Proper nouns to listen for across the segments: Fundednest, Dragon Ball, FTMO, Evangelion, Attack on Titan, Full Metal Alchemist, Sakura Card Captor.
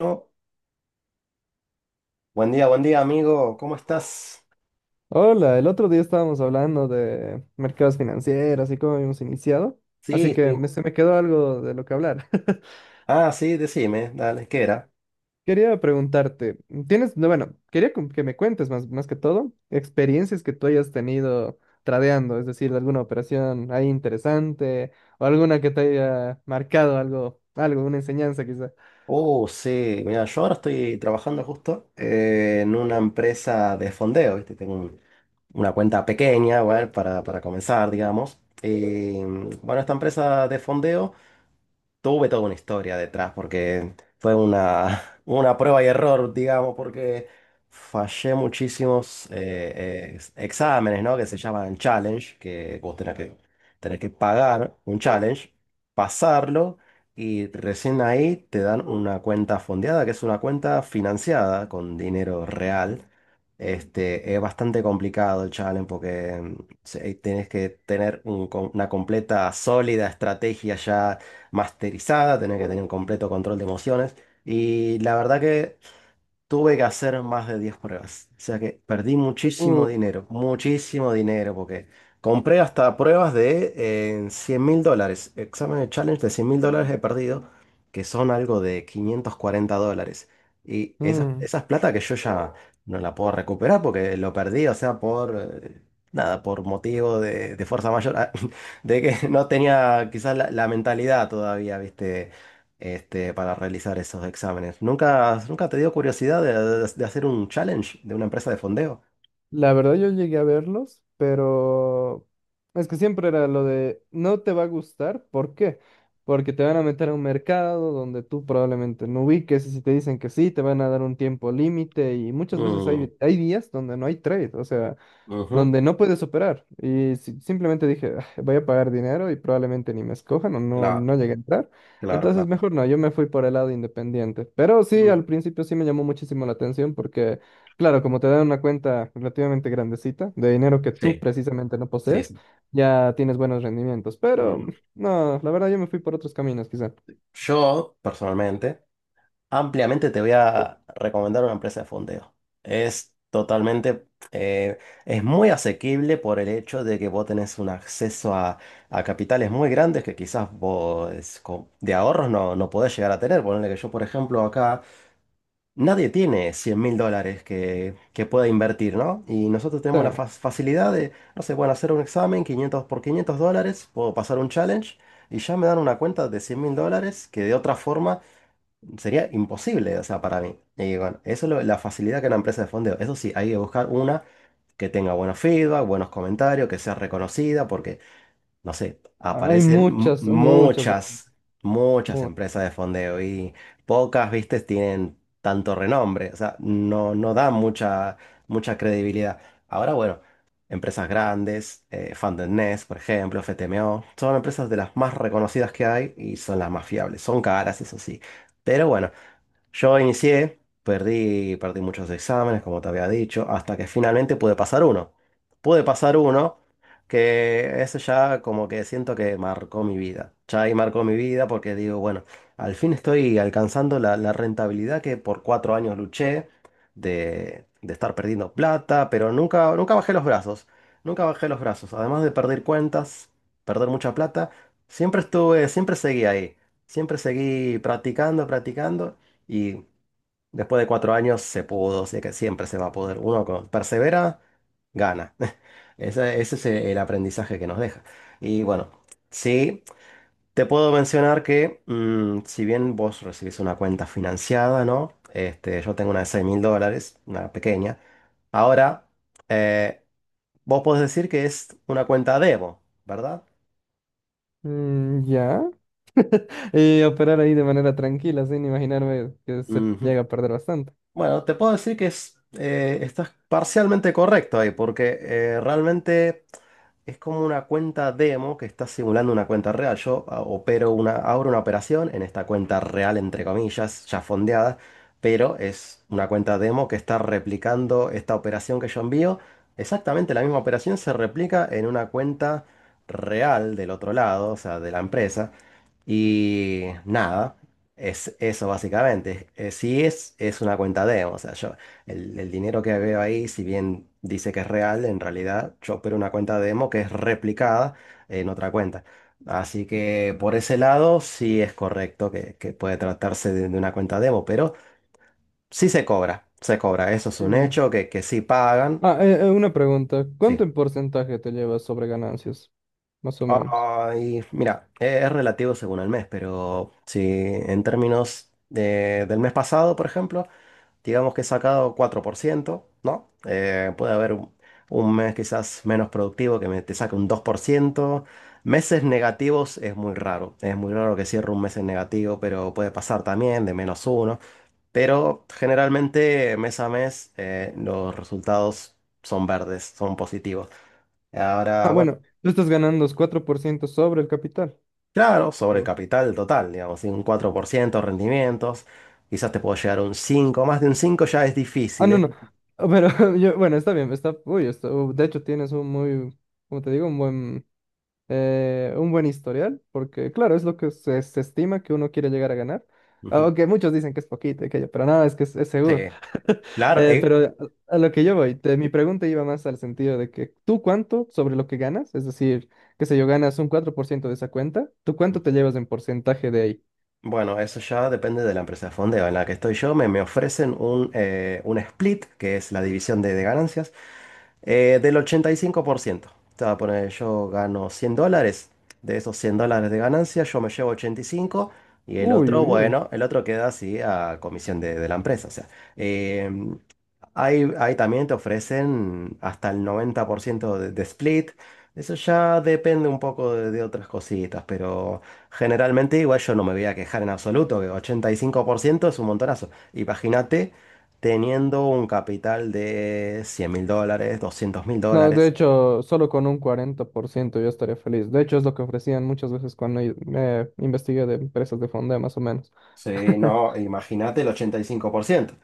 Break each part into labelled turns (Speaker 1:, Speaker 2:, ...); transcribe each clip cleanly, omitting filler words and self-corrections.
Speaker 1: No. Buen día, amigo. ¿Cómo estás?
Speaker 2: Hola, el otro día estábamos hablando de mercados financieros y cómo habíamos iniciado, así
Speaker 1: Sí,
Speaker 2: que
Speaker 1: sí.
Speaker 2: se me quedó algo de lo que hablar.
Speaker 1: Ah, sí, decime, dale, ¿qué era?
Speaker 2: Quería preguntarte, tienes, no, bueno, quería que me cuentes más que todo experiencias que tú hayas tenido tradeando, es decir, alguna operación ahí interesante o alguna que te haya marcado algo, una enseñanza quizá.
Speaker 1: Oh, sí, mira, yo ahora estoy trabajando justo en una empresa de fondeo, ¿viste? Una cuenta pequeña, bueno, para comenzar, digamos. Bueno, esta empresa de fondeo tuve toda una historia detrás porque fue una, una prueba y error, digamos, porque fallé muchísimos exámenes, ¿no? Que se llaman challenge, que tenés que pagar un challenge, pasarlo y recién ahí te dan una cuenta fondeada, que es una cuenta financiada con dinero real. Este, es bastante complicado el challenge porque tenés que tener una completa, sólida estrategia ya masterizada, tenés que tener un completo control de emociones. Y la verdad que tuve que hacer más de 10 pruebas. O sea que perdí
Speaker 2: Uh.
Speaker 1: muchísimo dinero, porque compré hasta pruebas de $100.000. Exámenes de challenge de $100.000 he perdido, que son algo de $540. Y
Speaker 2: Mm.
Speaker 1: esas plata que yo ya no la puedo recuperar porque lo perdí, o sea, por eh, nada, por motivo de fuerza mayor, de que no tenía quizás la mentalidad todavía, ¿viste? Este, para realizar esos exámenes. ¿Nunca, nunca te dio curiosidad de hacer un challenge de una empresa de fondeo?
Speaker 2: La verdad yo llegué a verlos, pero es que siempre era lo de no te va a gustar, ¿por qué? Porque te van a meter a un mercado donde tú probablemente no ubiques y si te dicen que sí, te van a dar un tiempo límite y muchas veces
Speaker 1: Mm,
Speaker 2: hay días donde no hay trade, o sea
Speaker 1: ujú.
Speaker 2: donde no puedes operar. Simplemente dije: "Ah, voy a pagar dinero y probablemente ni me escojan o no,
Speaker 1: Claro,
Speaker 2: no llegue a entrar".
Speaker 1: claro,
Speaker 2: Entonces,
Speaker 1: claro.
Speaker 2: mejor no, yo me fui por el lado independiente. Pero sí,
Speaker 1: Mm.
Speaker 2: al principio sí me llamó muchísimo la atención porque, claro, como te dan una cuenta relativamente grandecita de dinero que tú
Speaker 1: Sí,
Speaker 2: precisamente no
Speaker 1: sí,
Speaker 2: posees,
Speaker 1: sí.
Speaker 2: ya tienes buenos rendimientos. Pero
Speaker 1: Mm.
Speaker 2: no, la verdad yo me fui por otros caminos quizá.
Speaker 1: Yo, personalmente, ampliamente te voy a recomendar una empresa de fondeo. Es totalmente, es muy asequible por el hecho de que vos tenés un acceso a capitales muy grandes que de ahorros no, no podés llegar a tener. Ponele que yo, por ejemplo, acá... Nadie tiene $100.000 que pueda invertir, ¿no? Y nosotros
Speaker 2: Sí,
Speaker 1: tenemos facilidad de, no sé, bueno, hacer un examen 500 por $500, puedo pasar un challenge y ya me dan una cuenta de $100.000 que de otra forma sería imposible, o sea, para mí. Y bueno, eso es la facilidad que una empresa de fondeo. Eso sí, hay que buscar una que tenga buenos feedback, buenos comentarios, que sea reconocida, porque no sé,
Speaker 2: hay
Speaker 1: aparecen
Speaker 2: muchas, muchas de...
Speaker 1: muchas, muchas
Speaker 2: muchas.
Speaker 1: empresas de fondeo y pocas, viste, tienen tanto renombre, o sea, no, no dan mucha, mucha credibilidad. Ahora, bueno, empresas grandes, Fundednest, por ejemplo, FTMO, son empresas de las más reconocidas que hay y son las más fiables, son caras, eso sí, pero bueno. Yo inicié, perdí muchos exámenes, como te había dicho, hasta que finalmente pude pasar uno. Pude pasar uno, que eso ya como que siento que marcó mi vida. Ya ahí marcó mi vida porque digo, bueno, al fin estoy alcanzando la rentabilidad que por 4 años luché de estar perdiendo plata, pero nunca, nunca bajé los brazos. Nunca bajé los brazos. Además de perder cuentas, perder mucha plata, siempre estuve, siempre seguí ahí. Siempre seguí practicando, practicando y después de 4 años se pudo, sé que siempre se va a poder. Persevera, gana. Ese es el aprendizaje que nos deja. Y bueno, sí, te puedo mencionar que si bien vos recibís una cuenta financiada, ¿no? Este, yo tengo una de 6 mil dólares, una pequeña. Ahora, eh, vos podés decir que es una cuenta demo, ¿verdad?
Speaker 2: Mm, ya. Y operar ahí de manera tranquila, sin imaginarme que se
Speaker 1: Ujú.
Speaker 2: llega a perder bastante.
Speaker 1: Bueno, te puedo decir que es, estás parcialmente correcto ahí, porque realmente... Es como una cuenta demo que está simulando una cuenta real. Yo abro una operación en esta cuenta real, entre comillas, ya fondeada, pero es una cuenta demo que está replicando esta operación que yo envío. Exactamente la misma operación se replica en una cuenta real del otro lado, o sea, de la empresa. Y nada, es eso básicamente. Sí es una cuenta demo, o sea, yo, el dinero que veo ahí, si bien dice que es real, en realidad yo opero una cuenta demo que es replicada en otra cuenta. Así que por ese lado sí es correcto que puede tratarse de una cuenta demo, pero sí se cobra, eso es un
Speaker 2: Mm.
Speaker 1: hecho que sí pagan.
Speaker 2: Ah, una pregunta. ¿Cuánto
Speaker 1: Sí.
Speaker 2: en porcentaje te llevas sobre ganancias? Más o menos.
Speaker 1: Ay, mira, es relativo según el mes, pero si en términos del mes pasado, por ejemplo, digamos que he sacado 4%, ¿no? Puede haber un mes quizás menos productivo que me, te saque un 2%. Meses negativos es muy raro que cierre un mes en negativo, pero puede pasar también de menos uno. Pero generalmente mes a mes los resultados son verdes, son positivos. Ahora,
Speaker 2: Ah,
Speaker 1: bueno.
Speaker 2: bueno, tú estás ganando 4% sobre el capital.
Speaker 1: Claro, sobre el
Speaker 2: Oh.
Speaker 1: capital total, digamos, ¿sí? Un 4% de rendimientos, quizás te puedo llegar a un 5, más de un 5 ya es
Speaker 2: Ah,
Speaker 1: difícil.
Speaker 2: no, no. Ah, pero yo, bueno, está bien, está, uy, está, de hecho tienes un muy, como te digo, un buen historial, porque claro, es lo que se estima que uno quiere llegar a ganar.
Speaker 1: Ujú.
Speaker 2: Aunque muchos dicen que es poquito y aquello, pero no, es que es seguro.
Speaker 1: Sí, claro,
Speaker 2: Pero a lo que yo voy, mi pregunta iba más al sentido de que tú cuánto sobre lo que ganas, es decir, qué sé yo, ganas un 4% de esa cuenta, ¿tú cuánto te llevas en porcentaje de ahí?
Speaker 1: bueno, eso ya depende de la empresa de fondeo en la que estoy yo, me ofrecen un split, que es la división de ganancias, del 85%. Te voy a poner, yo gano $100, de esos $100 de ganancia yo me llevo 85 y el
Speaker 2: Uy,
Speaker 1: otro,
Speaker 2: uy, uy.
Speaker 1: bueno, el otro queda así a comisión de la empresa, o sea. eh, ahí también te ofrecen hasta el 90% de split. Eso ya depende un poco de otras cositas, pero generalmente igual yo no me voy a quejar en absoluto, que 85% es un montonazo. Imagínate teniendo un capital de $100.000, doscientos mil
Speaker 2: No, de
Speaker 1: dólares.
Speaker 2: hecho, solo con un 40% yo estaría feliz. De hecho, es lo que ofrecían muchas veces cuando me investigué de empresas de fonda, más o menos.
Speaker 1: Sí, no, imagínate el 85%.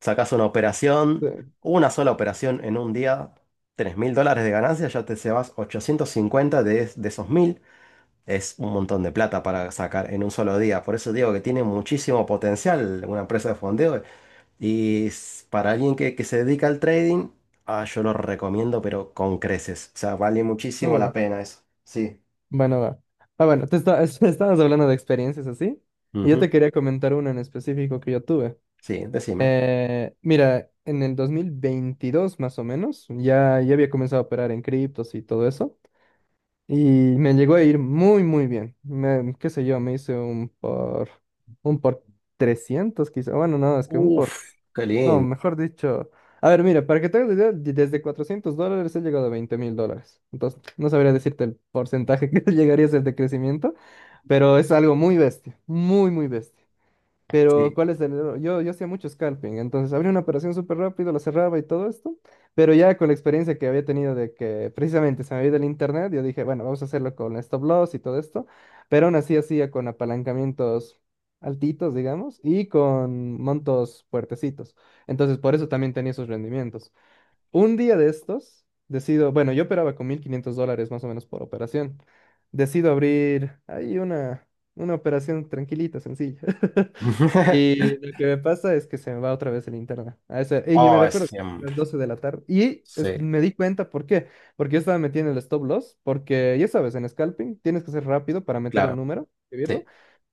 Speaker 1: Sacas una operación,
Speaker 2: Sí.
Speaker 1: una sola operación en un día, $3.000 de ganancia, ya te llevas 850 de esos 1000. Es un montón de plata para sacar en un solo día. Por eso digo que tiene muchísimo potencial una empresa de fondeo. Para alguien que se dedica al trading, yo lo recomiendo, pero con creces. O sea, vale muchísimo
Speaker 2: Uh.
Speaker 1: la pena eso. Sí.
Speaker 2: Bueno, va. Ah, bueno, te estabas hablando de experiencias así. Y yo te
Speaker 1: Ujú.
Speaker 2: quería comentar una en específico que yo tuve.
Speaker 1: Sí, decime.
Speaker 2: Mira, en el 2022 más o menos, ya, ya había comenzado a operar en criptos y todo eso. Y me llegó a ir muy, muy bien. Qué sé yo, me hice un por 300 quizá. Bueno, no, es que un
Speaker 1: Uf,
Speaker 2: por
Speaker 1: qué
Speaker 2: no,
Speaker 1: lindo.
Speaker 2: mejor dicho. A ver, mira, para que te hagas la idea, desde $400 he llegado a $20.000. Entonces, no sabría decirte el porcentaje que llegaría a ser de crecimiento, pero es algo muy bestia, muy, muy bestia. Pero,
Speaker 1: Sí.
Speaker 2: ¿cuál es el error? Yo hacía mucho scalping, entonces abría una operación súper rápido, la cerraba y todo esto, pero ya con la experiencia que había tenido de que precisamente se me había ido el internet, yo dije, bueno, vamos a hacerlo con stop loss y todo esto, pero aún así hacía con apalancamientos altitos, digamos, y con montos fuertecitos. Entonces, por eso también tenía esos rendimientos. Un día de estos, decido, bueno, yo operaba con $1.500 más o menos por operación. Decido abrir ahí una operación tranquilita, sencilla. Y lo que me pasa es que se me va otra vez el internet. Y yo me
Speaker 1: Oh, es
Speaker 2: recuerdo
Speaker 1: siempre.
Speaker 2: las 12 de la tarde.
Speaker 1: Sí,
Speaker 2: Me di cuenta, ¿por qué? Porque yo estaba metiendo el stop loss, porque ya sabes, en scalping tienes que ser rápido para meter un
Speaker 1: claro.
Speaker 2: número,
Speaker 1: Sí,
Speaker 2: escribirlo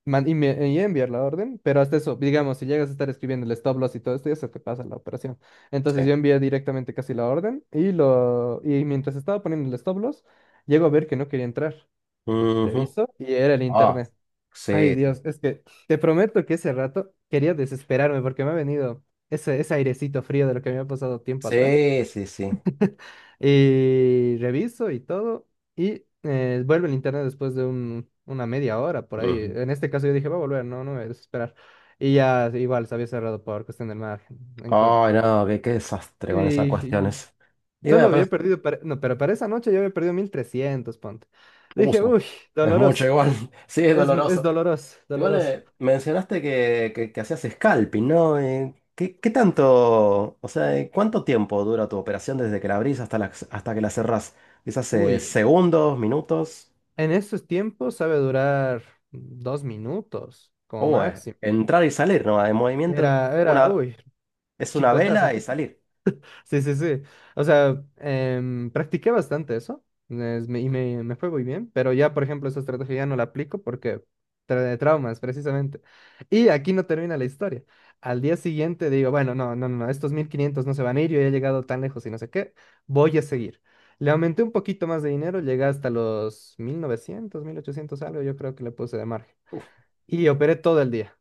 Speaker 2: y enviar la orden, pero hasta eso, digamos, si llegas a estar escribiendo el stop loss y todo esto, ya se te pasa la operación. Entonces
Speaker 1: sí.
Speaker 2: yo envié directamente casi la orden y, mientras estaba poniendo el stop loss, llego a ver que no quería entrar.
Speaker 1: Ujú.
Speaker 2: Reviso y era el
Speaker 1: Ah,
Speaker 2: internet. Ay
Speaker 1: sí,
Speaker 2: Dios, es que te prometo que ese rato quería desesperarme porque me ha venido ese airecito frío de lo que me ha pasado tiempo atrás.
Speaker 1: sí, sí, sí.
Speaker 2: Y reviso y todo. Y vuelve el internet después de una media hora por ahí.
Speaker 1: Ujú.
Speaker 2: En este caso yo dije, va a volver, no, no me voy a desesperar. Y ya igual se había cerrado por cuestión del margen en contra.
Speaker 1: Ay, no, qué, qué desastre con esas
Speaker 2: Y, y
Speaker 1: cuestiones. Y
Speaker 2: solo
Speaker 1: bueno, pero
Speaker 2: había
Speaker 1: es
Speaker 2: perdido, no, pero para esa noche yo había perdido 1.300 ponte. Dije,
Speaker 1: uso.
Speaker 2: uy,
Speaker 1: Es mucho
Speaker 2: doloroso.
Speaker 1: igual. Sí, es
Speaker 2: Es
Speaker 1: doloroso.
Speaker 2: doloroso,
Speaker 1: Igual
Speaker 2: doloroso.
Speaker 1: mencionaste que hacías scalping, ¿no? ¿Qué, qué tanto, o sea, cuánto tiempo dura tu operación desde que la abrís hasta, la, hasta que la cerrás? Quizás
Speaker 2: Uy,
Speaker 1: segundos, minutos.
Speaker 2: en esos tiempos sabe durar 2 minutos como
Speaker 1: O
Speaker 2: máximo.
Speaker 1: entrar y salir, ¿no? En movimiento
Speaker 2: Era,
Speaker 1: una,
Speaker 2: uy,
Speaker 1: es una
Speaker 2: chicotazo.
Speaker 1: vela y salir.
Speaker 2: Sí, sí, sí. O sea, practiqué bastante eso, y me fue muy bien, pero ya, por ejemplo, esa estrategia ya no la aplico porque trae traumas, precisamente. Y aquí no termina la historia. Al día siguiente digo, bueno, no, no, no, no, estos 1.500 no se van a ir, yo ya he llegado tan lejos y no sé qué, voy a seguir. Le aumenté un poquito más de dinero, llegué hasta los 1.900 1.800 algo, yo creo que le puse de margen. Y operé todo el día.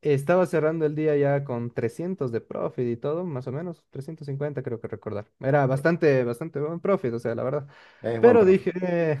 Speaker 2: Estaba cerrando el día ya con 300 de profit y todo, más o menos, 350 creo que recordar. Era
Speaker 1: Sí,
Speaker 2: bastante, bastante buen profit, o sea, la verdad.
Speaker 1: es buen
Speaker 2: Pero
Speaker 1: profe.
Speaker 2: dije,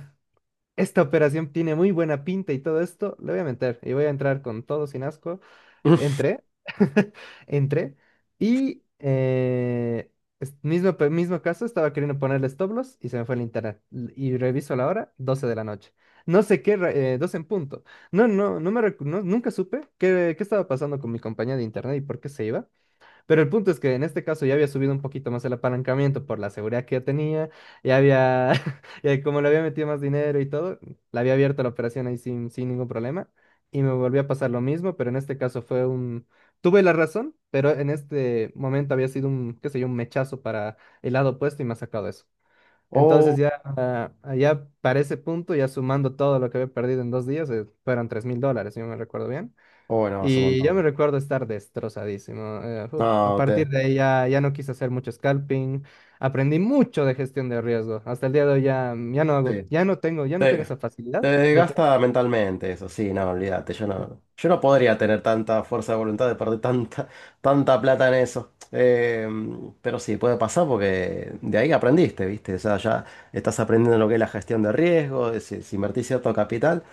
Speaker 2: esta operación tiene muy buena pinta y todo esto, le voy a meter y voy a entrar con todo sin asco. Entré, entré y mismo, mismo caso, estaba queriendo ponerle stop loss y se me fue el internet. Y reviso la hora, 12 de la noche. No sé qué, 12 en punto. No, no, nunca supe qué, qué estaba pasando con mi compañía de internet y por qué se iba. Pero el punto es que en este caso ya había subido un poquito más el apalancamiento por la seguridad que ya tenía, ya había, ya como le había metido más dinero y todo, la había abierto la operación ahí sin ningún problema y me volvió a pasar lo mismo, pero en este caso fue un, tuve la razón, pero en este momento había sido un, qué sé yo, un mechazo para el lado opuesto y me ha sacado eso. Entonces
Speaker 1: Oh,
Speaker 2: ya, ya para ese punto, ya sumando todo lo que había perdido en 2 días, fueron $3.000, si no me recuerdo bien.
Speaker 1: oh, no, es un
Speaker 2: Y yo me
Speaker 1: montón.
Speaker 2: recuerdo estar destrozadísimo. Uf, a
Speaker 1: No, te,
Speaker 2: partir de ahí ya no quise hacer mucho scalping. Aprendí mucho de gestión de riesgo. Hasta el día de hoy ya no hago,
Speaker 1: sí,
Speaker 2: ya no tengo, ya
Speaker 1: sí.
Speaker 2: no tengo esa
Speaker 1: Te
Speaker 2: facilidad de operar.
Speaker 1: desgasta mentalmente, eso sí, no, olvídate, yo no, yo no podría tener tanta fuerza de voluntad de perder tanta, tanta plata en eso. Pero sí, puede pasar porque de ahí aprendiste, ¿viste? O sea, ya estás aprendiendo lo que es la gestión de riesgo, de si, si invertís cierto capital,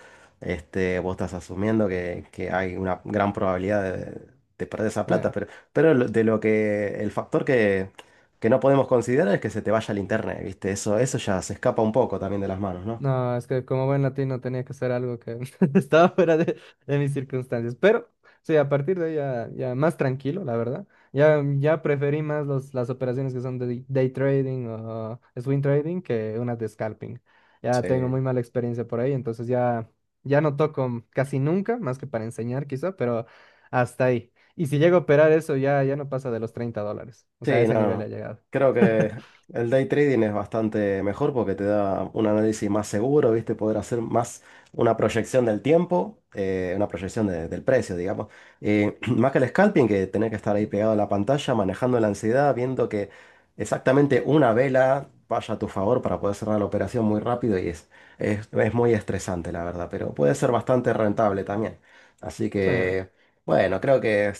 Speaker 1: este, vos estás asumiendo que hay una gran probabilidad de perder esa plata, pero de lo que el factor que no podemos considerar es que se te vaya el internet, ¿viste? Eso ya se escapa un poco también de las manos, ¿no?
Speaker 2: No, es que como buen latino tenía que hacer algo que estaba fuera de, mis circunstancias. Pero sí, a partir de ahí ya más tranquilo, la verdad. Ya preferí más los, las operaciones que son de day trading o swing trading que unas de scalping. Ya tengo muy
Speaker 1: Sí.
Speaker 2: mala experiencia por ahí, entonces ya no toco casi nunca, más que para enseñar quizá, pero hasta ahí. Y si llego a operar eso, ya no pasa de los $30. O sea, a
Speaker 1: Sí, no,
Speaker 2: ese
Speaker 1: no,
Speaker 2: nivel ha
Speaker 1: no.
Speaker 2: llegado.
Speaker 1: Creo que el day trading es bastante mejor porque te da un análisis más seguro, ¿viste? Poder hacer más una proyección del tiempo, una proyección del precio, digamos. Y más que el scalping, que tenés que estar ahí pegado a la pantalla, manejando la ansiedad, viendo que exactamente una vela vaya a tu favor para poder cerrar la operación muy rápido y es muy estresante, la verdad, pero puede ser bastante rentable también. Así
Speaker 2: Sí.
Speaker 1: que, bueno, creo que...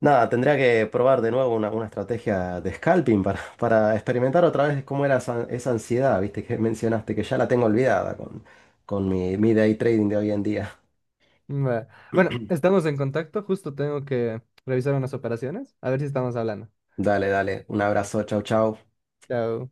Speaker 1: Nada, tendría que probar de nuevo una estrategia de scalping para experimentar otra vez cómo era esa, esa ansiedad, viste, que mencionaste, que ya la tengo olvidada con mi, mi day trading de hoy en día.
Speaker 2: Va. Bueno, estamos en contacto, justo tengo que revisar unas operaciones, a ver si estamos hablando.
Speaker 1: Dale, dale, un abrazo, chau, chau.
Speaker 2: Chao.